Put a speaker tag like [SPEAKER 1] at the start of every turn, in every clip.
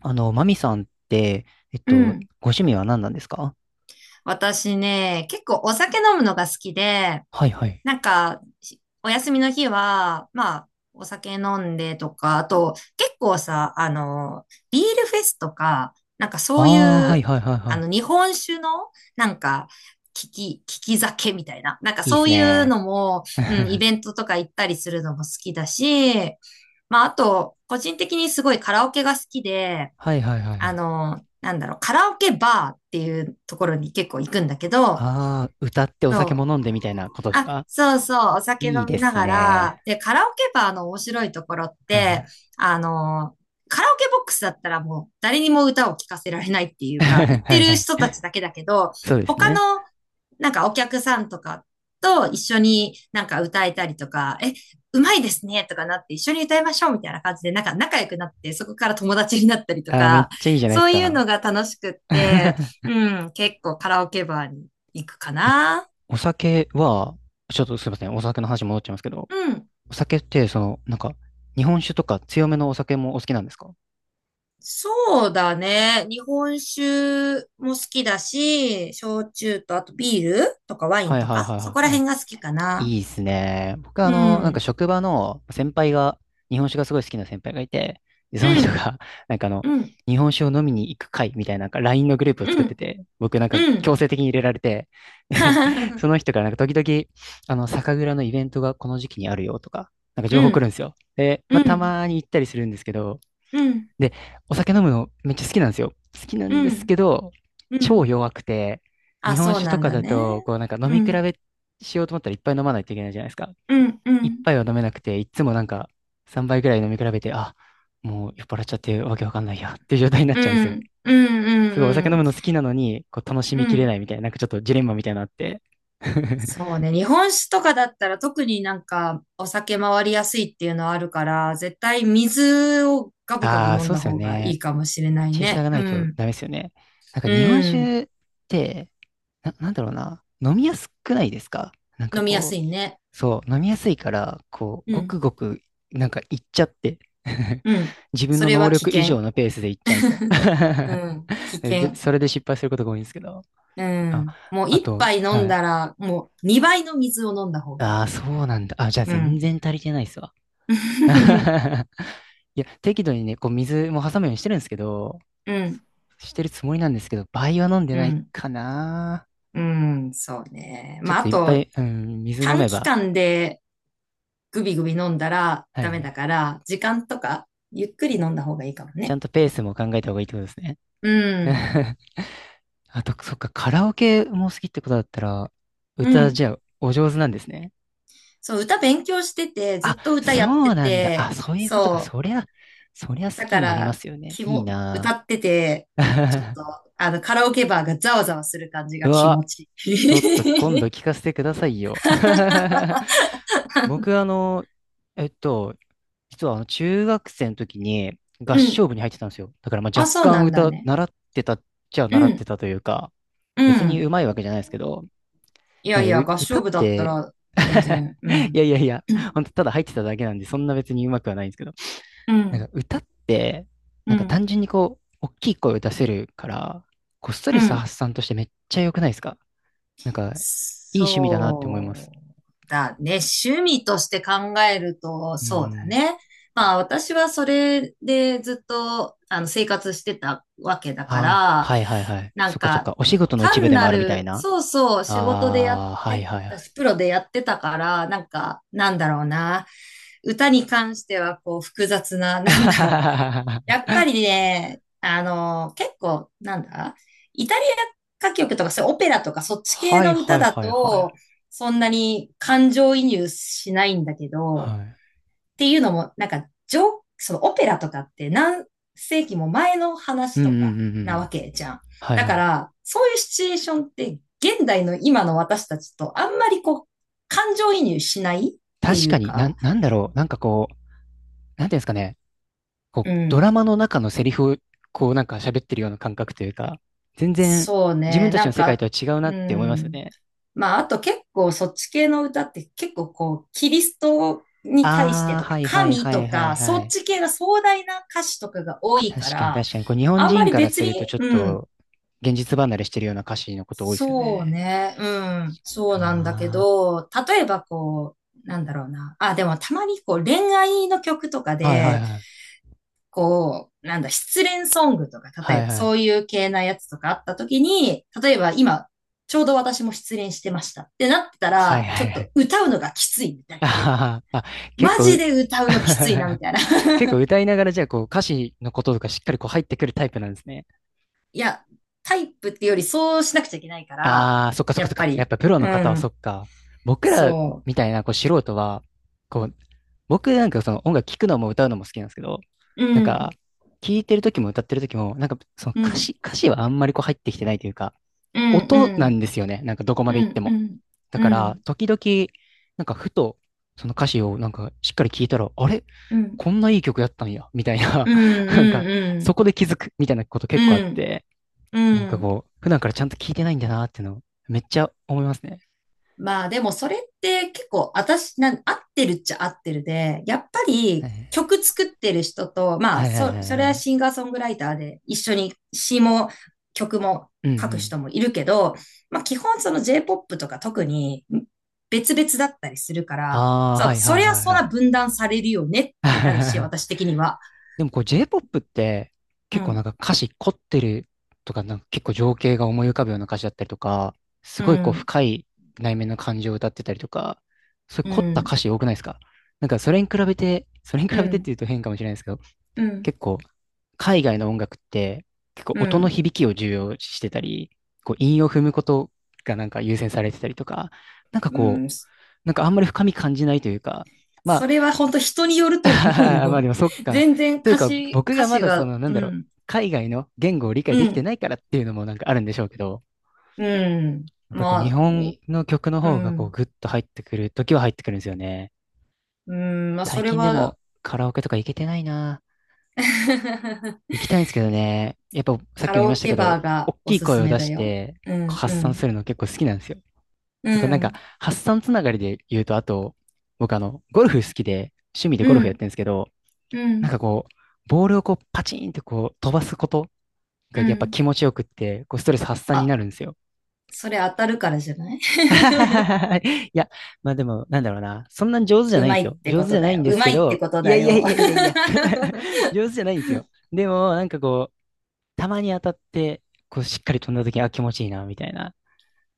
[SPEAKER 1] マミさんって、
[SPEAKER 2] うん。
[SPEAKER 1] ご趣味は何なんですか？
[SPEAKER 2] 私ね、結構お酒飲むのが好きで、
[SPEAKER 1] はいはい。
[SPEAKER 2] なんか、お休みの日は、まあ、お酒飲んでとか、あと、結構さ、ビールフェスとか、なんかそう
[SPEAKER 1] ああ、
[SPEAKER 2] い
[SPEAKER 1] はい
[SPEAKER 2] う、
[SPEAKER 1] はいはいはい。
[SPEAKER 2] 日本酒の、なんか、利き酒みたいな、なんか
[SPEAKER 1] いいっ
[SPEAKER 2] そ
[SPEAKER 1] す
[SPEAKER 2] ういう
[SPEAKER 1] ね。
[SPEAKER 2] のも、うん、イ
[SPEAKER 1] は
[SPEAKER 2] ベントとか行ったりするのも好きだし、まあ、あと、個人的にすごいカラオケが好きで、
[SPEAKER 1] いはいはいはい。
[SPEAKER 2] カラオケバーっていうところに結構行くんだけど、
[SPEAKER 1] ああ、歌ってお
[SPEAKER 2] そ
[SPEAKER 1] 酒
[SPEAKER 2] う。
[SPEAKER 1] も飲んでみたいなことです
[SPEAKER 2] あ、
[SPEAKER 1] か？
[SPEAKER 2] そうそう、お酒
[SPEAKER 1] いい
[SPEAKER 2] 飲み
[SPEAKER 1] で
[SPEAKER 2] な
[SPEAKER 1] す
[SPEAKER 2] が
[SPEAKER 1] ね。
[SPEAKER 2] ら、で、カラオケバーの面白いところっ
[SPEAKER 1] はい
[SPEAKER 2] て、
[SPEAKER 1] は
[SPEAKER 2] あの、カラオケボックスだったらもう誰にも歌を聴かせられないってい
[SPEAKER 1] い。
[SPEAKER 2] うか、言っ
[SPEAKER 1] は
[SPEAKER 2] て
[SPEAKER 1] いは
[SPEAKER 2] る
[SPEAKER 1] い。
[SPEAKER 2] 人たちだけだけど、
[SPEAKER 1] そうです
[SPEAKER 2] 他
[SPEAKER 1] ね。
[SPEAKER 2] のお客さんとかと一緒になんか歌えたりとか、うまいですねとかなって一緒に歌いましょうみたいな感じでなんか仲良くなってそこから友達になったりと
[SPEAKER 1] あー、めっ
[SPEAKER 2] か、
[SPEAKER 1] ちゃいいじゃないで
[SPEAKER 2] そ
[SPEAKER 1] す
[SPEAKER 2] ういうの
[SPEAKER 1] か。
[SPEAKER 2] が楽しくって、う ん、結構カラオケバーに行くか
[SPEAKER 1] え、
[SPEAKER 2] な。
[SPEAKER 1] お酒は、ちょっとすいません、お酒の話戻っちゃいますけど、
[SPEAKER 2] うん。
[SPEAKER 1] お酒って、その、なんか、日本酒とか強めのお酒もお好きなんですか？
[SPEAKER 2] そうだね。日本酒も好きだし、焼酎とあとビールとかワイン
[SPEAKER 1] はい
[SPEAKER 2] と
[SPEAKER 1] はい
[SPEAKER 2] か、そ
[SPEAKER 1] は
[SPEAKER 2] こ
[SPEAKER 1] い
[SPEAKER 2] ら
[SPEAKER 1] はい。
[SPEAKER 2] 辺が好きかな。
[SPEAKER 1] いいっすね。僕は
[SPEAKER 2] う
[SPEAKER 1] なんか
[SPEAKER 2] ん。
[SPEAKER 1] 職場の先輩が、日本酒がすごい好きな先輩がいて、で、その
[SPEAKER 2] う
[SPEAKER 1] 人
[SPEAKER 2] ん。
[SPEAKER 1] が、なんか
[SPEAKER 2] うん。
[SPEAKER 1] 日本酒を飲みに行く会みたいな、なんか LINE のグループを
[SPEAKER 2] う
[SPEAKER 1] 作って
[SPEAKER 2] ん。
[SPEAKER 1] て、僕なんか
[SPEAKER 2] う
[SPEAKER 1] 強
[SPEAKER 2] ん。
[SPEAKER 1] 制的に入れられて、で、その人からなんか時々、酒蔵のイベントがこの時期にあるよとか、なんか情
[SPEAKER 2] う
[SPEAKER 1] 報来る
[SPEAKER 2] ん。
[SPEAKER 1] んですよ。で、ま
[SPEAKER 2] う
[SPEAKER 1] あ、た
[SPEAKER 2] ん、
[SPEAKER 1] まに行ったりするんですけど、
[SPEAKER 2] うん、
[SPEAKER 1] で、お酒飲むのめっちゃ好きなんですよ。好きなん
[SPEAKER 2] う
[SPEAKER 1] です
[SPEAKER 2] ん、
[SPEAKER 1] けど、
[SPEAKER 2] う
[SPEAKER 1] 超
[SPEAKER 2] ん。
[SPEAKER 1] 弱くて、日
[SPEAKER 2] あ、
[SPEAKER 1] 本
[SPEAKER 2] そう
[SPEAKER 1] 酒
[SPEAKER 2] な
[SPEAKER 1] と
[SPEAKER 2] ん
[SPEAKER 1] か
[SPEAKER 2] だ
[SPEAKER 1] だ
[SPEAKER 2] ね。
[SPEAKER 1] と、こうなんか飲
[SPEAKER 2] う
[SPEAKER 1] み比
[SPEAKER 2] ん、
[SPEAKER 1] べしようと思ったらいっぱい飲まないといけないじゃないですか。
[SPEAKER 2] うん、う
[SPEAKER 1] 一
[SPEAKER 2] ん、
[SPEAKER 1] 杯は飲めなくて、いっつもなんか3杯ぐらい飲み比べて、あ、もう酔っ払っちゃってわけわかんないやっていう状態になっ
[SPEAKER 2] う
[SPEAKER 1] ちゃうんですよ。
[SPEAKER 2] ん、うん、う
[SPEAKER 1] すごいお酒
[SPEAKER 2] ん、う
[SPEAKER 1] 飲
[SPEAKER 2] ん。
[SPEAKER 1] むの好きなのに、こう楽し
[SPEAKER 2] う
[SPEAKER 1] みきれ
[SPEAKER 2] ん、
[SPEAKER 1] ないみたいな、なんかちょっとジレンマみたいなのあって。
[SPEAKER 2] そうね。日本酒とかだったら特になんかお酒回りやすいっていうのはあるから、絶対水をガブガブ
[SPEAKER 1] ああ、
[SPEAKER 2] 飲ん
[SPEAKER 1] そうっ
[SPEAKER 2] だ
[SPEAKER 1] すよ
[SPEAKER 2] 方がい
[SPEAKER 1] ね。
[SPEAKER 2] いかもしれない
[SPEAKER 1] チェイサー
[SPEAKER 2] ね。
[SPEAKER 1] がな
[SPEAKER 2] う
[SPEAKER 1] いと
[SPEAKER 2] ん、
[SPEAKER 1] ダメですよね。なんか
[SPEAKER 2] う
[SPEAKER 1] 日本
[SPEAKER 2] ん。
[SPEAKER 1] 酒って、なんだろうな、飲みやすくないですか？なんか
[SPEAKER 2] 飲みやす
[SPEAKER 1] こ
[SPEAKER 2] い
[SPEAKER 1] う、
[SPEAKER 2] ね。
[SPEAKER 1] そう、飲みやすいから、こう、
[SPEAKER 2] う
[SPEAKER 1] ご
[SPEAKER 2] ん、
[SPEAKER 1] くごく、なんかいっちゃって
[SPEAKER 2] うん。
[SPEAKER 1] 自分
[SPEAKER 2] そ
[SPEAKER 1] の
[SPEAKER 2] れ
[SPEAKER 1] 能
[SPEAKER 2] は危
[SPEAKER 1] 力以上
[SPEAKER 2] 険。
[SPEAKER 1] のペースでいっちゃうんですよ。
[SPEAKER 2] うん、危
[SPEAKER 1] で、
[SPEAKER 2] 険。
[SPEAKER 1] それで失敗することが多いんですけど。
[SPEAKER 2] う
[SPEAKER 1] あ、
[SPEAKER 2] ん。もう
[SPEAKER 1] あ
[SPEAKER 2] 一
[SPEAKER 1] と、
[SPEAKER 2] 杯飲ん
[SPEAKER 1] はい。
[SPEAKER 2] だら、もう二倍の水を飲んだ方がい
[SPEAKER 1] あ
[SPEAKER 2] い。
[SPEAKER 1] あ、そうなんだ。あ、じゃあ
[SPEAKER 2] う
[SPEAKER 1] 全
[SPEAKER 2] ん。
[SPEAKER 1] 然足りてないっすわ。いや、適度にね、こう水も挟むようにしてるんですけど、
[SPEAKER 2] うん。
[SPEAKER 1] してるつもりなんですけど、倍は飲んで
[SPEAKER 2] う
[SPEAKER 1] ない
[SPEAKER 2] ん。
[SPEAKER 1] かな。
[SPEAKER 2] うん。そうね。
[SPEAKER 1] ちょっ
[SPEAKER 2] まあ、あ
[SPEAKER 1] といっぱ
[SPEAKER 2] と、
[SPEAKER 1] い、うん、水飲
[SPEAKER 2] 短
[SPEAKER 1] め
[SPEAKER 2] 期
[SPEAKER 1] ば、
[SPEAKER 2] 間でグビグビ飲んだら
[SPEAKER 1] はい
[SPEAKER 2] ダ
[SPEAKER 1] はい
[SPEAKER 2] メ
[SPEAKER 1] は
[SPEAKER 2] だ
[SPEAKER 1] い。
[SPEAKER 2] から、時間とかゆっくり飲んだ方がいいかも
[SPEAKER 1] ちゃ
[SPEAKER 2] ね。
[SPEAKER 1] んとペースも考えた方がいいってことですね。
[SPEAKER 2] うん。
[SPEAKER 1] あと、そっか、カラオケも好きってことだったら、
[SPEAKER 2] う
[SPEAKER 1] 歌、
[SPEAKER 2] ん。
[SPEAKER 1] じゃあ、お上手なんですね。
[SPEAKER 2] そう、歌勉強してて、ずっ
[SPEAKER 1] あ、
[SPEAKER 2] と歌やっ
[SPEAKER 1] そ
[SPEAKER 2] て
[SPEAKER 1] うなんだ。あ、
[SPEAKER 2] て、
[SPEAKER 1] そういうことか。
[SPEAKER 2] そう。
[SPEAKER 1] そりゃ好
[SPEAKER 2] だ
[SPEAKER 1] き
[SPEAKER 2] か
[SPEAKER 1] になりま
[SPEAKER 2] ら、
[SPEAKER 1] すよね。
[SPEAKER 2] 気
[SPEAKER 1] いい
[SPEAKER 2] も、歌
[SPEAKER 1] な
[SPEAKER 2] ってて、ちょっ
[SPEAKER 1] ぁ。
[SPEAKER 2] と、カラオケバーがざわざわする感じ
[SPEAKER 1] う
[SPEAKER 2] が気
[SPEAKER 1] わ、
[SPEAKER 2] 持ちい
[SPEAKER 1] ちょっと今度
[SPEAKER 2] い。
[SPEAKER 1] 聞かせてくださいよ。僕、えっと、実はあの中学生の時に 合
[SPEAKER 2] うん。
[SPEAKER 1] 唱部に入ってたんですよ。だからまあ
[SPEAKER 2] あ、
[SPEAKER 1] 若
[SPEAKER 2] そうな
[SPEAKER 1] 干
[SPEAKER 2] んだ
[SPEAKER 1] 歌、
[SPEAKER 2] ね。
[SPEAKER 1] 習ってたっちゃ
[SPEAKER 2] う
[SPEAKER 1] 習っ
[SPEAKER 2] ん。
[SPEAKER 1] てたというか、
[SPEAKER 2] う
[SPEAKER 1] 別に
[SPEAKER 2] ん。
[SPEAKER 1] 上手いわけじゃないですけど、
[SPEAKER 2] い
[SPEAKER 1] な
[SPEAKER 2] や
[SPEAKER 1] ん
[SPEAKER 2] い
[SPEAKER 1] か
[SPEAKER 2] や、合
[SPEAKER 1] 歌
[SPEAKER 2] 唱
[SPEAKER 1] っ
[SPEAKER 2] 部だった
[SPEAKER 1] て
[SPEAKER 2] ら全 然、う
[SPEAKER 1] いや
[SPEAKER 2] ん。
[SPEAKER 1] いやいや、
[SPEAKER 2] う
[SPEAKER 1] 本当ただ入ってただけなんで、そんな別に上手くはないんですけど、なん
[SPEAKER 2] ん、
[SPEAKER 1] か歌って、な
[SPEAKER 2] う
[SPEAKER 1] んか単
[SPEAKER 2] ん、
[SPEAKER 1] 純にこう、大きい声を出せるから、こうストレ
[SPEAKER 2] う
[SPEAKER 1] ス
[SPEAKER 2] ん。
[SPEAKER 1] 発散としてめっちゃ良くないですか？なんか、いい趣味だなって思います。
[SPEAKER 2] そうだね。趣味として考えると、
[SPEAKER 1] う
[SPEAKER 2] そうだ
[SPEAKER 1] ん。
[SPEAKER 2] ね。まあ私はそれでずっと生活してたわけだか
[SPEAKER 1] ああ、
[SPEAKER 2] ら、
[SPEAKER 1] はいはいはい。
[SPEAKER 2] な
[SPEAKER 1] そっ
[SPEAKER 2] ん
[SPEAKER 1] かそっ
[SPEAKER 2] か
[SPEAKER 1] か。お仕事の一部
[SPEAKER 2] 単
[SPEAKER 1] でも
[SPEAKER 2] な
[SPEAKER 1] あるみたい
[SPEAKER 2] る、
[SPEAKER 1] な。
[SPEAKER 2] そうそう、仕事でやっ
[SPEAKER 1] ああ、はい
[SPEAKER 2] て
[SPEAKER 1] はいは
[SPEAKER 2] たし、
[SPEAKER 1] い。
[SPEAKER 2] プロでやってたから、なんか、なんだろうな。歌に関してはこう複雑な、なんだろう。や っぱりね、結構、なんだ、イタリア歌曲とか、そういうオペラとか、そっち系
[SPEAKER 1] はい
[SPEAKER 2] の歌
[SPEAKER 1] はい
[SPEAKER 2] だ
[SPEAKER 1] はいはい。
[SPEAKER 2] と、そんなに感情移入しないんだけど、
[SPEAKER 1] はい。
[SPEAKER 2] っていうのも、なんか、そのオペラとかって何世紀も前の
[SPEAKER 1] う
[SPEAKER 2] 話
[SPEAKER 1] んうん
[SPEAKER 2] とか
[SPEAKER 1] うんう
[SPEAKER 2] な
[SPEAKER 1] ん。
[SPEAKER 2] わけじゃん。
[SPEAKER 1] はい
[SPEAKER 2] だ
[SPEAKER 1] は
[SPEAKER 2] か
[SPEAKER 1] い。
[SPEAKER 2] ら、そういうシチュエーションって、現代の今の私たちとあんまりこう、感情移入しないってい
[SPEAKER 1] 確か
[SPEAKER 2] う
[SPEAKER 1] に、な
[SPEAKER 2] か、
[SPEAKER 1] ん、なんだろう。なんかこう、なんていうんですかね。
[SPEAKER 2] う
[SPEAKER 1] こう、ド
[SPEAKER 2] ん。
[SPEAKER 1] ラマの中のセリフを、こう、なんか喋ってるような感覚というか、全然、
[SPEAKER 2] そう
[SPEAKER 1] 自分
[SPEAKER 2] ね、
[SPEAKER 1] たち
[SPEAKER 2] な
[SPEAKER 1] の
[SPEAKER 2] ん
[SPEAKER 1] 世界
[SPEAKER 2] か、
[SPEAKER 1] とは違う
[SPEAKER 2] う
[SPEAKER 1] なって思いますよ
[SPEAKER 2] ん。
[SPEAKER 1] ね。
[SPEAKER 2] まあ、あと結構そっち系の歌って結構こう、キリストに対して
[SPEAKER 1] ああ、
[SPEAKER 2] と
[SPEAKER 1] は
[SPEAKER 2] か、
[SPEAKER 1] いはい
[SPEAKER 2] 神
[SPEAKER 1] はい
[SPEAKER 2] と
[SPEAKER 1] はい
[SPEAKER 2] か、
[SPEAKER 1] は
[SPEAKER 2] そっ
[SPEAKER 1] い。
[SPEAKER 2] ち系が壮大な歌詞とかが多い
[SPEAKER 1] 確
[SPEAKER 2] か
[SPEAKER 1] かに
[SPEAKER 2] ら、
[SPEAKER 1] 確かに。こう、日本
[SPEAKER 2] あんま
[SPEAKER 1] 人
[SPEAKER 2] り
[SPEAKER 1] から
[SPEAKER 2] 別
[SPEAKER 1] すると
[SPEAKER 2] に、
[SPEAKER 1] ちょっ
[SPEAKER 2] うん、
[SPEAKER 1] と、現実離れしてるような歌詞のこと多いですよ
[SPEAKER 2] そう
[SPEAKER 1] ね。
[SPEAKER 2] ね、うん、そうなんだけ
[SPEAKER 1] あ
[SPEAKER 2] ど、例えばこう、なんだろうな。あ、でもたまにこう恋愛の曲とか
[SPEAKER 1] あはい、はい、
[SPEAKER 2] で、
[SPEAKER 1] はい。
[SPEAKER 2] こうなんだ、失恋ソングとか、例
[SPEAKER 1] は
[SPEAKER 2] え
[SPEAKER 1] い、
[SPEAKER 2] ば
[SPEAKER 1] は
[SPEAKER 2] そう
[SPEAKER 1] い。
[SPEAKER 2] いう系なやつとかあった時に、例えば今、ちょうど私も失恋してましたってなってた
[SPEAKER 1] はい、
[SPEAKER 2] ら、ち
[SPEAKER 1] は
[SPEAKER 2] ょ
[SPEAKER 1] い、
[SPEAKER 2] っ
[SPEAKER 1] はい。
[SPEAKER 2] と歌うのがきついみたい
[SPEAKER 1] あ
[SPEAKER 2] な。
[SPEAKER 1] ははあ、結
[SPEAKER 2] マ
[SPEAKER 1] 構
[SPEAKER 2] ジ
[SPEAKER 1] う、
[SPEAKER 2] で歌うのきついなみたいな。
[SPEAKER 1] 結構 歌いながらじゃあこう歌詞のこととかしっかりこう入ってくるタイプなんですね。
[SPEAKER 2] いや、タイプってよりそうしなくちゃいけないから、
[SPEAKER 1] ああ、そっかそっ
[SPEAKER 2] や
[SPEAKER 1] かそ
[SPEAKER 2] っ
[SPEAKER 1] っ
[SPEAKER 2] ぱ
[SPEAKER 1] か。やっ
[SPEAKER 2] り、
[SPEAKER 1] ぱプロ
[SPEAKER 2] う
[SPEAKER 1] の方はそ
[SPEAKER 2] ん、
[SPEAKER 1] っか。僕ら
[SPEAKER 2] そ
[SPEAKER 1] みたいなこう素人は、こう、僕なんかその音楽聴くのも歌うのも好きなんですけど、
[SPEAKER 2] う、う
[SPEAKER 1] なんか、
[SPEAKER 2] ん、
[SPEAKER 1] 聴いてる時も歌ってる時も、なんかその
[SPEAKER 2] う
[SPEAKER 1] 歌
[SPEAKER 2] ん、
[SPEAKER 1] 詞、歌詞はあんまりこう入ってきてないというか、
[SPEAKER 2] うん、う
[SPEAKER 1] 音なん
[SPEAKER 2] ん、
[SPEAKER 1] ですよね。なんかどこま
[SPEAKER 2] う
[SPEAKER 1] で行って
[SPEAKER 2] ん、う
[SPEAKER 1] も。
[SPEAKER 2] ん、
[SPEAKER 1] だか
[SPEAKER 2] う
[SPEAKER 1] ら、
[SPEAKER 2] ん、
[SPEAKER 1] 時々、なんかふと、その歌詞をなんかしっかり聞いたら、あれ
[SPEAKER 2] うん、
[SPEAKER 1] こんないい曲やったんや、みたいな、
[SPEAKER 2] うん、
[SPEAKER 1] なんか、
[SPEAKER 2] う
[SPEAKER 1] そ
[SPEAKER 2] ん、
[SPEAKER 1] こで気づく、みたいなこと
[SPEAKER 2] う
[SPEAKER 1] 結構あっ
[SPEAKER 2] ん、
[SPEAKER 1] て、
[SPEAKER 2] うん、う
[SPEAKER 1] なん
[SPEAKER 2] ん、う
[SPEAKER 1] か
[SPEAKER 2] ん、
[SPEAKER 1] こう、普段からちゃんと聞いてないんだなっていうの、めっちゃ思いますね。
[SPEAKER 2] まあでもそれって結構私なん、合ってるっちゃ合ってるで、やっぱ
[SPEAKER 1] は
[SPEAKER 2] り
[SPEAKER 1] い
[SPEAKER 2] 曲作ってる人と、ま
[SPEAKER 1] は
[SPEAKER 2] あ
[SPEAKER 1] いはい
[SPEAKER 2] そ、
[SPEAKER 1] はい
[SPEAKER 2] そ
[SPEAKER 1] は
[SPEAKER 2] れは
[SPEAKER 1] い。
[SPEAKER 2] シンガーソングライターで一緒に詩も曲も
[SPEAKER 1] うんう
[SPEAKER 2] 書く
[SPEAKER 1] ん。
[SPEAKER 2] 人もいるけど、まあ基本その J-POP とか特に別々だったりするから、
[SPEAKER 1] ああ、
[SPEAKER 2] そ
[SPEAKER 1] は
[SPEAKER 2] う、
[SPEAKER 1] い
[SPEAKER 2] そ
[SPEAKER 1] はい
[SPEAKER 2] りゃ
[SPEAKER 1] はい
[SPEAKER 2] そ
[SPEAKER 1] は
[SPEAKER 2] んな
[SPEAKER 1] い。
[SPEAKER 2] 分断されるよねってなるし、私的には。
[SPEAKER 1] でもこう J-POP って
[SPEAKER 2] う
[SPEAKER 1] 結構なん
[SPEAKER 2] ん、
[SPEAKER 1] か歌詞凝ってるとか、なんか結構情景が思い浮かぶような歌詞だったりとか、す
[SPEAKER 2] う
[SPEAKER 1] ごいこう
[SPEAKER 2] ん、
[SPEAKER 1] 深い内面の感情を歌ってたりとか、そういう
[SPEAKER 2] う
[SPEAKER 1] 凝った
[SPEAKER 2] ん、
[SPEAKER 1] 歌詞多くないですか？なんかそれに比べて、それに比
[SPEAKER 2] う
[SPEAKER 1] べてっ
[SPEAKER 2] ん、
[SPEAKER 1] ていうと変かもしれないですけど、
[SPEAKER 2] うん、
[SPEAKER 1] 結構海外の音楽って結構
[SPEAKER 2] う
[SPEAKER 1] 音の
[SPEAKER 2] ん、
[SPEAKER 1] 響きを重要視してたり、こう韻を踏むことがなんか優先されてたりとか、なんか
[SPEAKER 2] う
[SPEAKER 1] こ
[SPEAKER 2] ん。
[SPEAKER 1] う、なんかあんまり深み感じないというか、ま
[SPEAKER 2] それは本当人によ ると思う
[SPEAKER 1] まあで
[SPEAKER 2] よ。
[SPEAKER 1] もそっ か。
[SPEAKER 2] 全然
[SPEAKER 1] というか、僕
[SPEAKER 2] 歌
[SPEAKER 1] がま
[SPEAKER 2] 詞
[SPEAKER 1] だ
[SPEAKER 2] が、
[SPEAKER 1] なん
[SPEAKER 2] う
[SPEAKER 1] だろう、
[SPEAKER 2] ん、
[SPEAKER 1] 海外の言語を理解
[SPEAKER 2] う
[SPEAKER 1] できて
[SPEAKER 2] ん、
[SPEAKER 1] ないからっていうのもなんかあるんでしょうけど、
[SPEAKER 2] うん。
[SPEAKER 1] やっぱりこう日
[SPEAKER 2] まあ、
[SPEAKER 1] 本
[SPEAKER 2] い
[SPEAKER 1] の曲の
[SPEAKER 2] う
[SPEAKER 1] 方がこう
[SPEAKER 2] ん、
[SPEAKER 1] グッと入ってくる時は入ってくるんですよね。
[SPEAKER 2] うん、まあ、そ
[SPEAKER 1] 最
[SPEAKER 2] れ
[SPEAKER 1] 近で
[SPEAKER 2] は。
[SPEAKER 1] もカラオケとか行けてないな。行きたいんですけどね。やっぱさっき
[SPEAKER 2] カ
[SPEAKER 1] も言
[SPEAKER 2] ラ
[SPEAKER 1] いま
[SPEAKER 2] オ
[SPEAKER 1] した
[SPEAKER 2] ケ
[SPEAKER 1] けど、
[SPEAKER 2] バー
[SPEAKER 1] 大
[SPEAKER 2] がお
[SPEAKER 1] きい
[SPEAKER 2] す
[SPEAKER 1] 声
[SPEAKER 2] す
[SPEAKER 1] を
[SPEAKER 2] め
[SPEAKER 1] 出
[SPEAKER 2] だ
[SPEAKER 1] し
[SPEAKER 2] よ。
[SPEAKER 1] て
[SPEAKER 2] う
[SPEAKER 1] こう
[SPEAKER 2] ん、
[SPEAKER 1] 発
[SPEAKER 2] う
[SPEAKER 1] 散
[SPEAKER 2] ん、
[SPEAKER 1] するの結構好きなんですよ。
[SPEAKER 2] う
[SPEAKER 1] とかなんか
[SPEAKER 2] ん、
[SPEAKER 1] 発散つながりで言うと、あと、僕ゴルフ好きで、趣味でゴル
[SPEAKER 2] う
[SPEAKER 1] フやって
[SPEAKER 2] ん、
[SPEAKER 1] るんですけど、
[SPEAKER 2] う
[SPEAKER 1] なん
[SPEAKER 2] ん、
[SPEAKER 1] かこう、ボールをこうパチンってこう飛ばすこと
[SPEAKER 2] う
[SPEAKER 1] がやっぱ
[SPEAKER 2] ん。
[SPEAKER 1] 気持ちよくって、こうストレス発散に
[SPEAKER 2] あ、
[SPEAKER 1] なるんですよ。
[SPEAKER 2] それ当たるからじゃない？
[SPEAKER 1] いや、まあでも、なんだろうな。そんなに上手じゃ
[SPEAKER 2] う
[SPEAKER 1] ないん
[SPEAKER 2] ま
[SPEAKER 1] で
[SPEAKER 2] い
[SPEAKER 1] す
[SPEAKER 2] っ
[SPEAKER 1] よ。
[SPEAKER 2] て
[SPEAKER 1] 上
[SPEAKER 2] こ
[SPEAKER 1] 手じ
[SPEAKER 2] と
[SPEAKER 1] ゃな
[SPEAKER 2] だ
[SPEAKER 1] いん
[SPEAKER 2] よ。
[SPEAKER 1] で
[SPEAKER 2] う
[SPEAKER 1] す
[SPEAKER 2] ま
[SPEAKER 1] け
[SPEAKER 2] いって
[SPEAKER 1] ど、
[SPEAKER 2] こと
[SPEAKER 1] いや
[SPEAKER 2] だ
[SPEAKER 1] いや
[SPEAKER 2] よ。
[SPEAKER 1] いやいやいや 上手じゃないんですよ。でも、なんかこう、たまに当たって、こうしっかり飛んだ時、あ、気持ちいいな、みたいな。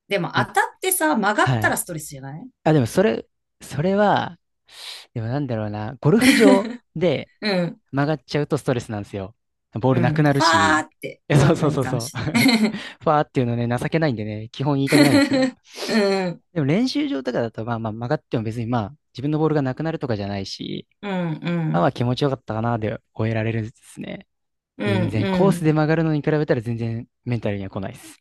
[SPEAKER 2] でも当
[SPEAKER 1] ね
[SPEAKER 2] たってさ、曲がっ
[SPEAKER 1] は
[SPEAKER 2] た
[SPEAKER 1] い。
[SPEAKER 2] らストレスじゃない？
[SPEAKER 1] あ、でもそれ、それは、でもなんだろうな。ゴルフ場 で
[SPEAKER 2] うん。
[SPEAKER 1] 曲がっちゃうとストレスなんですよ。ボー
[SPEAKER 2] う
[SPEAKER 1] ルなく
[SPEAKER 2] ん。フ
[SPEAKER 1] なる
[SPEAKER 2] ァー
[SPEAKER 1] し、
[SPEAKER 2] って
[SPEAKER 1] え、
[SPEAKER 2] 言
[SPEAKER 1] そ
[SPEAKER 2] わ
[SPEAKER 1] うそ
[SPEAKER 2] な
[SPEAKER 1] う
[SPEAKER 2] い
[SPEAKER 1] そう
[SPEAKER 2] かも
[SPEAKER 1] そう。
[SPEAKER 2] しれん。
[SPEAKER 1] ファーっていうのね、情けないんでね、基本言いたくないんですけど。
[SPEAKER 2] うん、
[SPEAKER 1] でも練習場とかだと、まあまあ曲がっても別にまあ自分のボールがなくなるとかじゃないし、
[SPEAKER 2] うん、う
[SPEAKER 1] まあま
[SPEAKER 2] ん、
[SPEAKER 1] あ気持ちよかったかなで終えられるんですね。
[SPEAKER 2] う
[SPEAKER 1] 全
[SPEAKER 2] ん、
[SPEAKER 1] 然
[SPEAKER 2] う
[SPEAKER 1] コース
[SPEAKER 2] ん。
[SPEAKER 1] で曲がるのに比べたら全然メンタルには来ないです。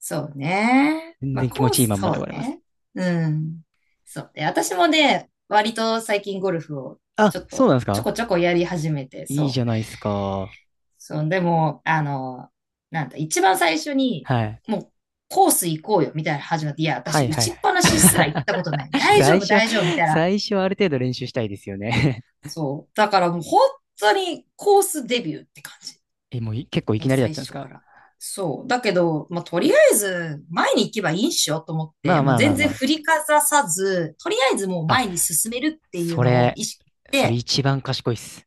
[SPEAKER 2] そうね。
[SPEAKER 1] 全
[SPEAKER 2] まあ、
[SPEAKER 1] 然気持
[SPEAKER 2] コー
[SPEAKER 1] ちいいま
[SPEAKER 2] ス、
[SPEAKER 1] んま
[SPEAKER 2] そ
[SPEAKER 1] で終わ
[SPEAKER 2] う
[SPEAKER 1] れます。
[SPEAKER 2] ね。うん。そうね。私もね、割と最近ゴルフを
[SPEAKER 1] あ、
[SPEAKER 2] ちょっ
[SPEAKER 1] そうな
[SPEAKER 2] と
[SPEAKER 1] んです
[SPEAKER 2] ちょ
[SPEAKER 1] か？
[SPEAKER 2] こちょこやり始めて、
[SPEAKER 1] いいじ
[SPEAKER 2] そ
[SPEAKER 1] ゃ
[SPEAKER 2] う。
[SPEAKER 1] ないですか。
[SPEAKER 2] そう、でも、なんだ、一番最初に、
[SPEAKER 1] はい。
[SPEAKER 2] もう、コース行こうよ、みたいなの始まって、いや、
[SPEAKER 1] は
[SPEAKER 2] 私、
[SPEAKER 1] い
[SPEAKER 2] 打
[SPEAKER 1] はい
[SPEAKER 2] ち
[SPEAKER 1] は
[SPEAKER 2] っぱな
[SPEAKER 1] い。
[SPEAKER 2] しすら行ったことない。大丈
[SPEAKER 1] 最
[SPEAKER 2] 夫、
[SPEAKER 1] 初、
[SPEAKER 2] 大丈夫、みたいな。
[SPEAKER 1] 最初はある程度練習したいですよね。
[SPEAKER 2] そう。だからもう本当にコースデビューって感じ。
[SPEAKER 1] え、もう結構い
[SPEAKER 2] も
[SPEAKER 1] き
[SPEAKER 2] う
[SPEAKER 1] なりだっ
[SPEAKER 2] 最
[SPEAKER 1] たんです
[SPEAKER 2] 初か
[SPEAKER 1] か？
[SPEAKER 2] ら。そう。だけど、まあ、とりあえず、前に行けばいいんしよと思っ
[SPEAKER 1] ま
[SPEAKER 2] て、
[SPEAKER 1] あ
[SPEAKER 2] も
[SPEAKER 1] ま
[SPEAKER 2] う
[SPEAKER 1] あまあ
[SPEAKER 2] 全然
[SPEAKER 1] ま
[SPEAKER 2] 振りかざさず、とりあえずもう
[SPEAKER 1] あ。あ、
[SPEAKER 2] 前に進めるっていう
[SPEAKER 1] そ
[SPEAKER 2] のを
[SPEAKER 1] れ、
[SPEAKER 2] 意識し
[SPEAKER 1] それ
[SPEAKER 2] て、
[SPEAKER 1] 一番賢いっす。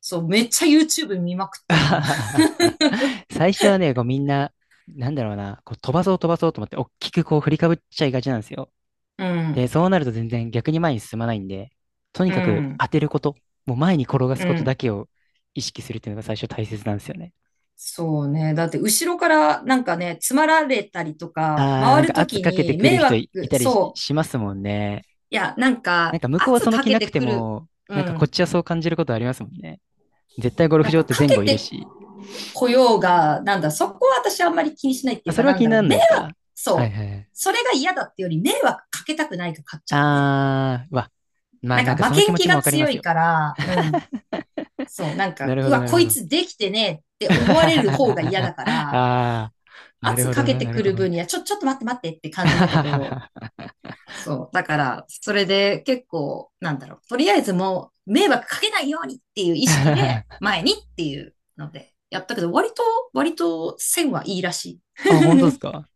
[SPEAKER 2] そう、めっちゃ YouTube 見まくったもん。
[SPEAKER 1] 最初はね、こうみんな、なんだろうな、こう飛ばそう飛ばそうと思って、大きくこう振りかぶっちゃいがちなんですよ。
[SPEAKER 2] う
[SPEAKER 1] で、
[SPEAKER 2] ん、
[SPEAKER 1] そうなると全然逆に前に進まないんで、とに
[SPEAKER 2] う
[SPEAKER 1] かく
[SPEAKER 2] ん、
[SPEAKER 1] 当てること、もう前に転が
[SPEAKER 2] う
[SPEAKER 1] すことだ
[SPEAKER 2] ん。
[SPEAKER 1] けを意識するっていうのが最初大切なんですよね。
[SPEAKER 2] そうね。だって、後ろからなんかね、詰まられたりとか、
[SPEAKER 1] あー、な
[SPEAKER 2] 回
[SPEAKER 1] ん
[SPEAKER 2] る
[SPEAKER 1] か
[SPEAKER 2] と
[SPEAKER 1] 圧
[SPEAKER 2] き
[SPEAKER 1] かけて
[SPEAKER 2] に
[SPEAKER 1] くる
[SPEAKER 2] 迷
[SPEAKER 1] 人いい
[SPEAKER 2] 惑、
[SPEAKER 1] たりし
[SPEAKER 2] そう。
[SPEAKER 1] しますもんね。
[SPEAKER 2] いや、なん
[SPEAKER 1] なん
[SPEAKER 2] か、
[SPEAKER 1] か向こうは
[SPEAKER 2] 圧
[SPEAKER 1] その
[SPEAKER 2] か
[SPEAKER 1] 気
[SPEAKER 2] け
[SPEAKER 1] な
[SPEAKER 2] て
[SPEAKER 1] くて
[SPEAKER 2] くる。
[SPEAKER 1] も、
[SPEAKER 2] う
[SPEAKER 1] なんかこっ
[SPEAKER 2] ん。
[SPEAKER 1] ちはそう感じることありますもんね。絶対ゴルフ
[SPEAKER 2] なん
[SPEAKER 1] 場っ
[SPEAKER 2] か、
[SPEAKER 1] て
[SPEAKER 2] か
[SPEAKER 1] 前
[SPEAKER 2] け
[SPEAKER 1] 後いる
[SPEAKER 2] て
[SPEAKER 1] し。
[SPEAKER 2] 雇用が、なんだ、そこは私あんまり気にしないって
[SPEAKER 1] あ、
[SPEAKER 2] いう
[SPEAKER 1] そ
[SPEAKER 2] か、
[SPEAKER 1] れは
[SPEAKER 2] な
[SPEAKER 1] 気
[SPEAKER 2] ん
[SPEAKER 1] に
[SPEAKER 2] だ
[SPEAKER 1] な
[SPEAKER 2] ろ
[SPEAKER 1] ら
[SPEAKER 2] う、
[SPEAKER 1] ない
[SPEAKER 2] 迷
[SPEAKER 1] で
[SPEAKER 2] 惑、
[SPEAKER 1] すか？はい
[SPEAKER 2] そう。
[SPEAKER 1] はいはい。
[SPEAKER 2] それが嫌だってより、迷惑かけたくないか勝っちゃって。
[SPEAKER 1] あー、うわ。まあ
[SPEAKER 2] なん
[SPEAKER 1] なん
[SPEAKER 2] か、
[SPEAKER 1] か
[SPEAKER 2] 負
[SPEAKER 1] その
[SPEAKER 2] け
[SPEAKER 1] 気
[SPEAKER 2] ん
[SPEAKER 1] 持
[SPEAKER 2] 気
[SPEAKER 1] ちも
[SPEAKER 2] が
[SPEAKER 1] わかりま
[SPEAKER 2] 強
[SPEAKER 1] す
[SPEAKER 2] い
[SPEAKER 1] よ。
[SPEAKER 2] から、うん。そう、なん
[SPEAKER 1] な
[SPEAKER 2] か、
[SPEAKER 1] る
[SPEAKER 2] う
[SPEAKER 1] ほど、
[SPEAKER 2] わ、
[SPEAKER 1] なる
[SPEAKER 2] こ
[SPEAKER 1] ほ
[SPEAKER 2] い
[SPEAKER 1] ど。
[SPEAKER 2] つできてねって思われる 方が嫌だか
[SPEAKER 1] あ
[SPEAKER 2] ら、
[SPEAKER 1] あ、なる
[SPEAKER 2] 圧
[SPEAKER 1] ほ
[SPEAKER 2] か
[SPEAKER 1] ど
[SPEAKER 2] け
[SPEAKER 1] ね、
[SPEAKER 2] て
[SPEAKER 1] なる
[SPEAKER 2] く
[SPEAKER 1] ほ
[SPEAKER 2] る
[SPEAKER 1] どね。
[SPEAKER 2] 分には、ちょっと待って待ってって感じだけど、そう。だから、それで結構、なんだろう、とりあえずもう、迷惑かけないようにっていう意識で、前にっていうので、やったけど、割と、線はいいらしい。
[SPEAKER 1] あ、本当で すか？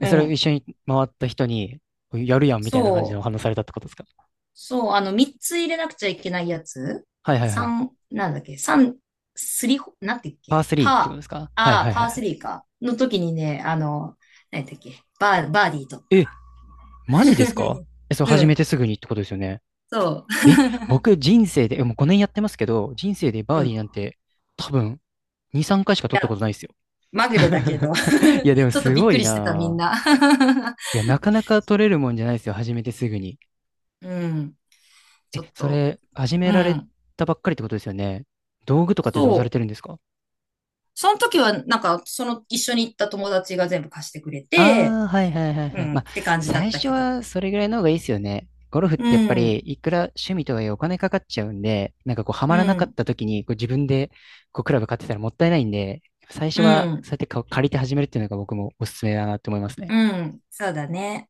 [SPEAKER 1] え、
[SPEAKER 2] う
[SPEAKER 1] それを一
[SPEAKER 2] ん。
[SPEAKER 1] 緒に回った人に、やるやんみたいな感じで
[SPEAKER 2] そ
[SPEAKER 1] お
[SPEAKER 2] う。
[SPEAKER 1] 話しされたってことですか？
[SPEAKER 2] そう。あの、3つ入れなくちゃいけないやつ。
[SPEAKER 1] はいはいはい。
[SPEAKER 2] 3、なんだっけ ?3、スリホ、なんて言うっ
[SPEAKER 1] パー
[SPEAKER 2] け
[SPEAKER 1] 3ってこと
[SPEAKER 2] パー、
[SPEAKER 1] ですか？はい
[SPEAKER 2] あ
[SPEAKER 1] はい
[SPEAKER 2] ー、
[SPEAKER 1] はい
[SPEAKER 2] パ
[SPEAKER 1] はい。
[SPEAKER 2] ー3か。の時にね、あの、なんだっけバーディー取った。
[SPEAKER 1] え、マジですか？え、それ
[SPEAKER 2] う
[SPEAKER 1] 始め
[SPEAKER 2] ん。
[SPEAKER 1] てすぐにってことですよね。
[SPEAKER 2] そ
[SPEAKER 1] え、僕人生で、もう5年やってますけど、人生でバ
[SPEAKER 2] う。
[SPEAKER 1] ー
[SPEAKER 2] うん。
[SPEAKER 1] デ
[SPEAKER 2] い
[SPEAKER 1] ィーなんて多分2、3回しか取った
[SPEAKER 2] や、
[SPEAKER 1] ことないですよ。
[SPEAKER 2] まぐれだけど。
[SPEAKER 1] いや、でも
[SPEAKER 2] ちょっと
[SPEAKER 1] す
[SPEAKER 2] びっ
[SPEAKER 1] ご
[SPEAKER 2] く
[SPEAKER 1] い
[SPEAKER 2] りしてた、みん
[SPEAKER 1] な
[SPEAKER 2] な。
[SPEAKER 1] あ。いや、なかなか取れるもんじゃないですよ。始めてすぐに。
[SPEAKER 2] うん。ち
[SPEAKER 1] え、
[SPEAKER 2] ょっ
[SPEAKER 1] そ
[SPEAKER 2] と。
[SPEAKER 1] れ、始め
[SPEAKER 2] う
[SPEAKER 1] られ
[SPEAKER 2] ん。
[SPEAKER 1] たばっかりってことですよね。道具とかってどうされ
[SPEAKER 2] そ
[SPEAKER 1] てるん
[SPEAKER 2] う。
[SPEAKER 1] ですか？
[SPEAKER 2] その時は、なんか、その一緒に行った友達が全部貸してくれて、
[SPEAKER 1] ああー、はいはいはい
[SPEAKER 2] う
[SPEAKER 1] はい。
[SPEAKER 2] ん。
[SPEAKER 1] まあ、
[SPEAKER 2] って感じだっ
[SPEAKER 1] 最
[SPEAKER 2] た
[SPEAKER 1] 初
[SPEAKER 2] けど。
[SPEAKER 1] はそれぐらいの方がいいですよね。ゴルフっ
[SPEAKER 2] う
[SPEAKER 1] てやっぱり、
[SPEAKER 2] ん。
[SPEAKER 1] いくら趣味とはいえお金かかっちゃうんで、なんかこう、ハマ
[SPEAKER 2] う
[SPEAKER 1] らなかっ
[SPEAKER 2] ん、
[SPEAKER 1] た時に、こう自分で、こう、クラブ買ってたらもったいないんで、最初
[SPEAKER 2] う
[SPEAKER 1] は、
[SPEAKER 2] ん、
[SPEAKER 1] そうやってか借りて始めるっていうのが僕もおすすめだなって思いますね。
[SPEAKER 2] うん、そうだね。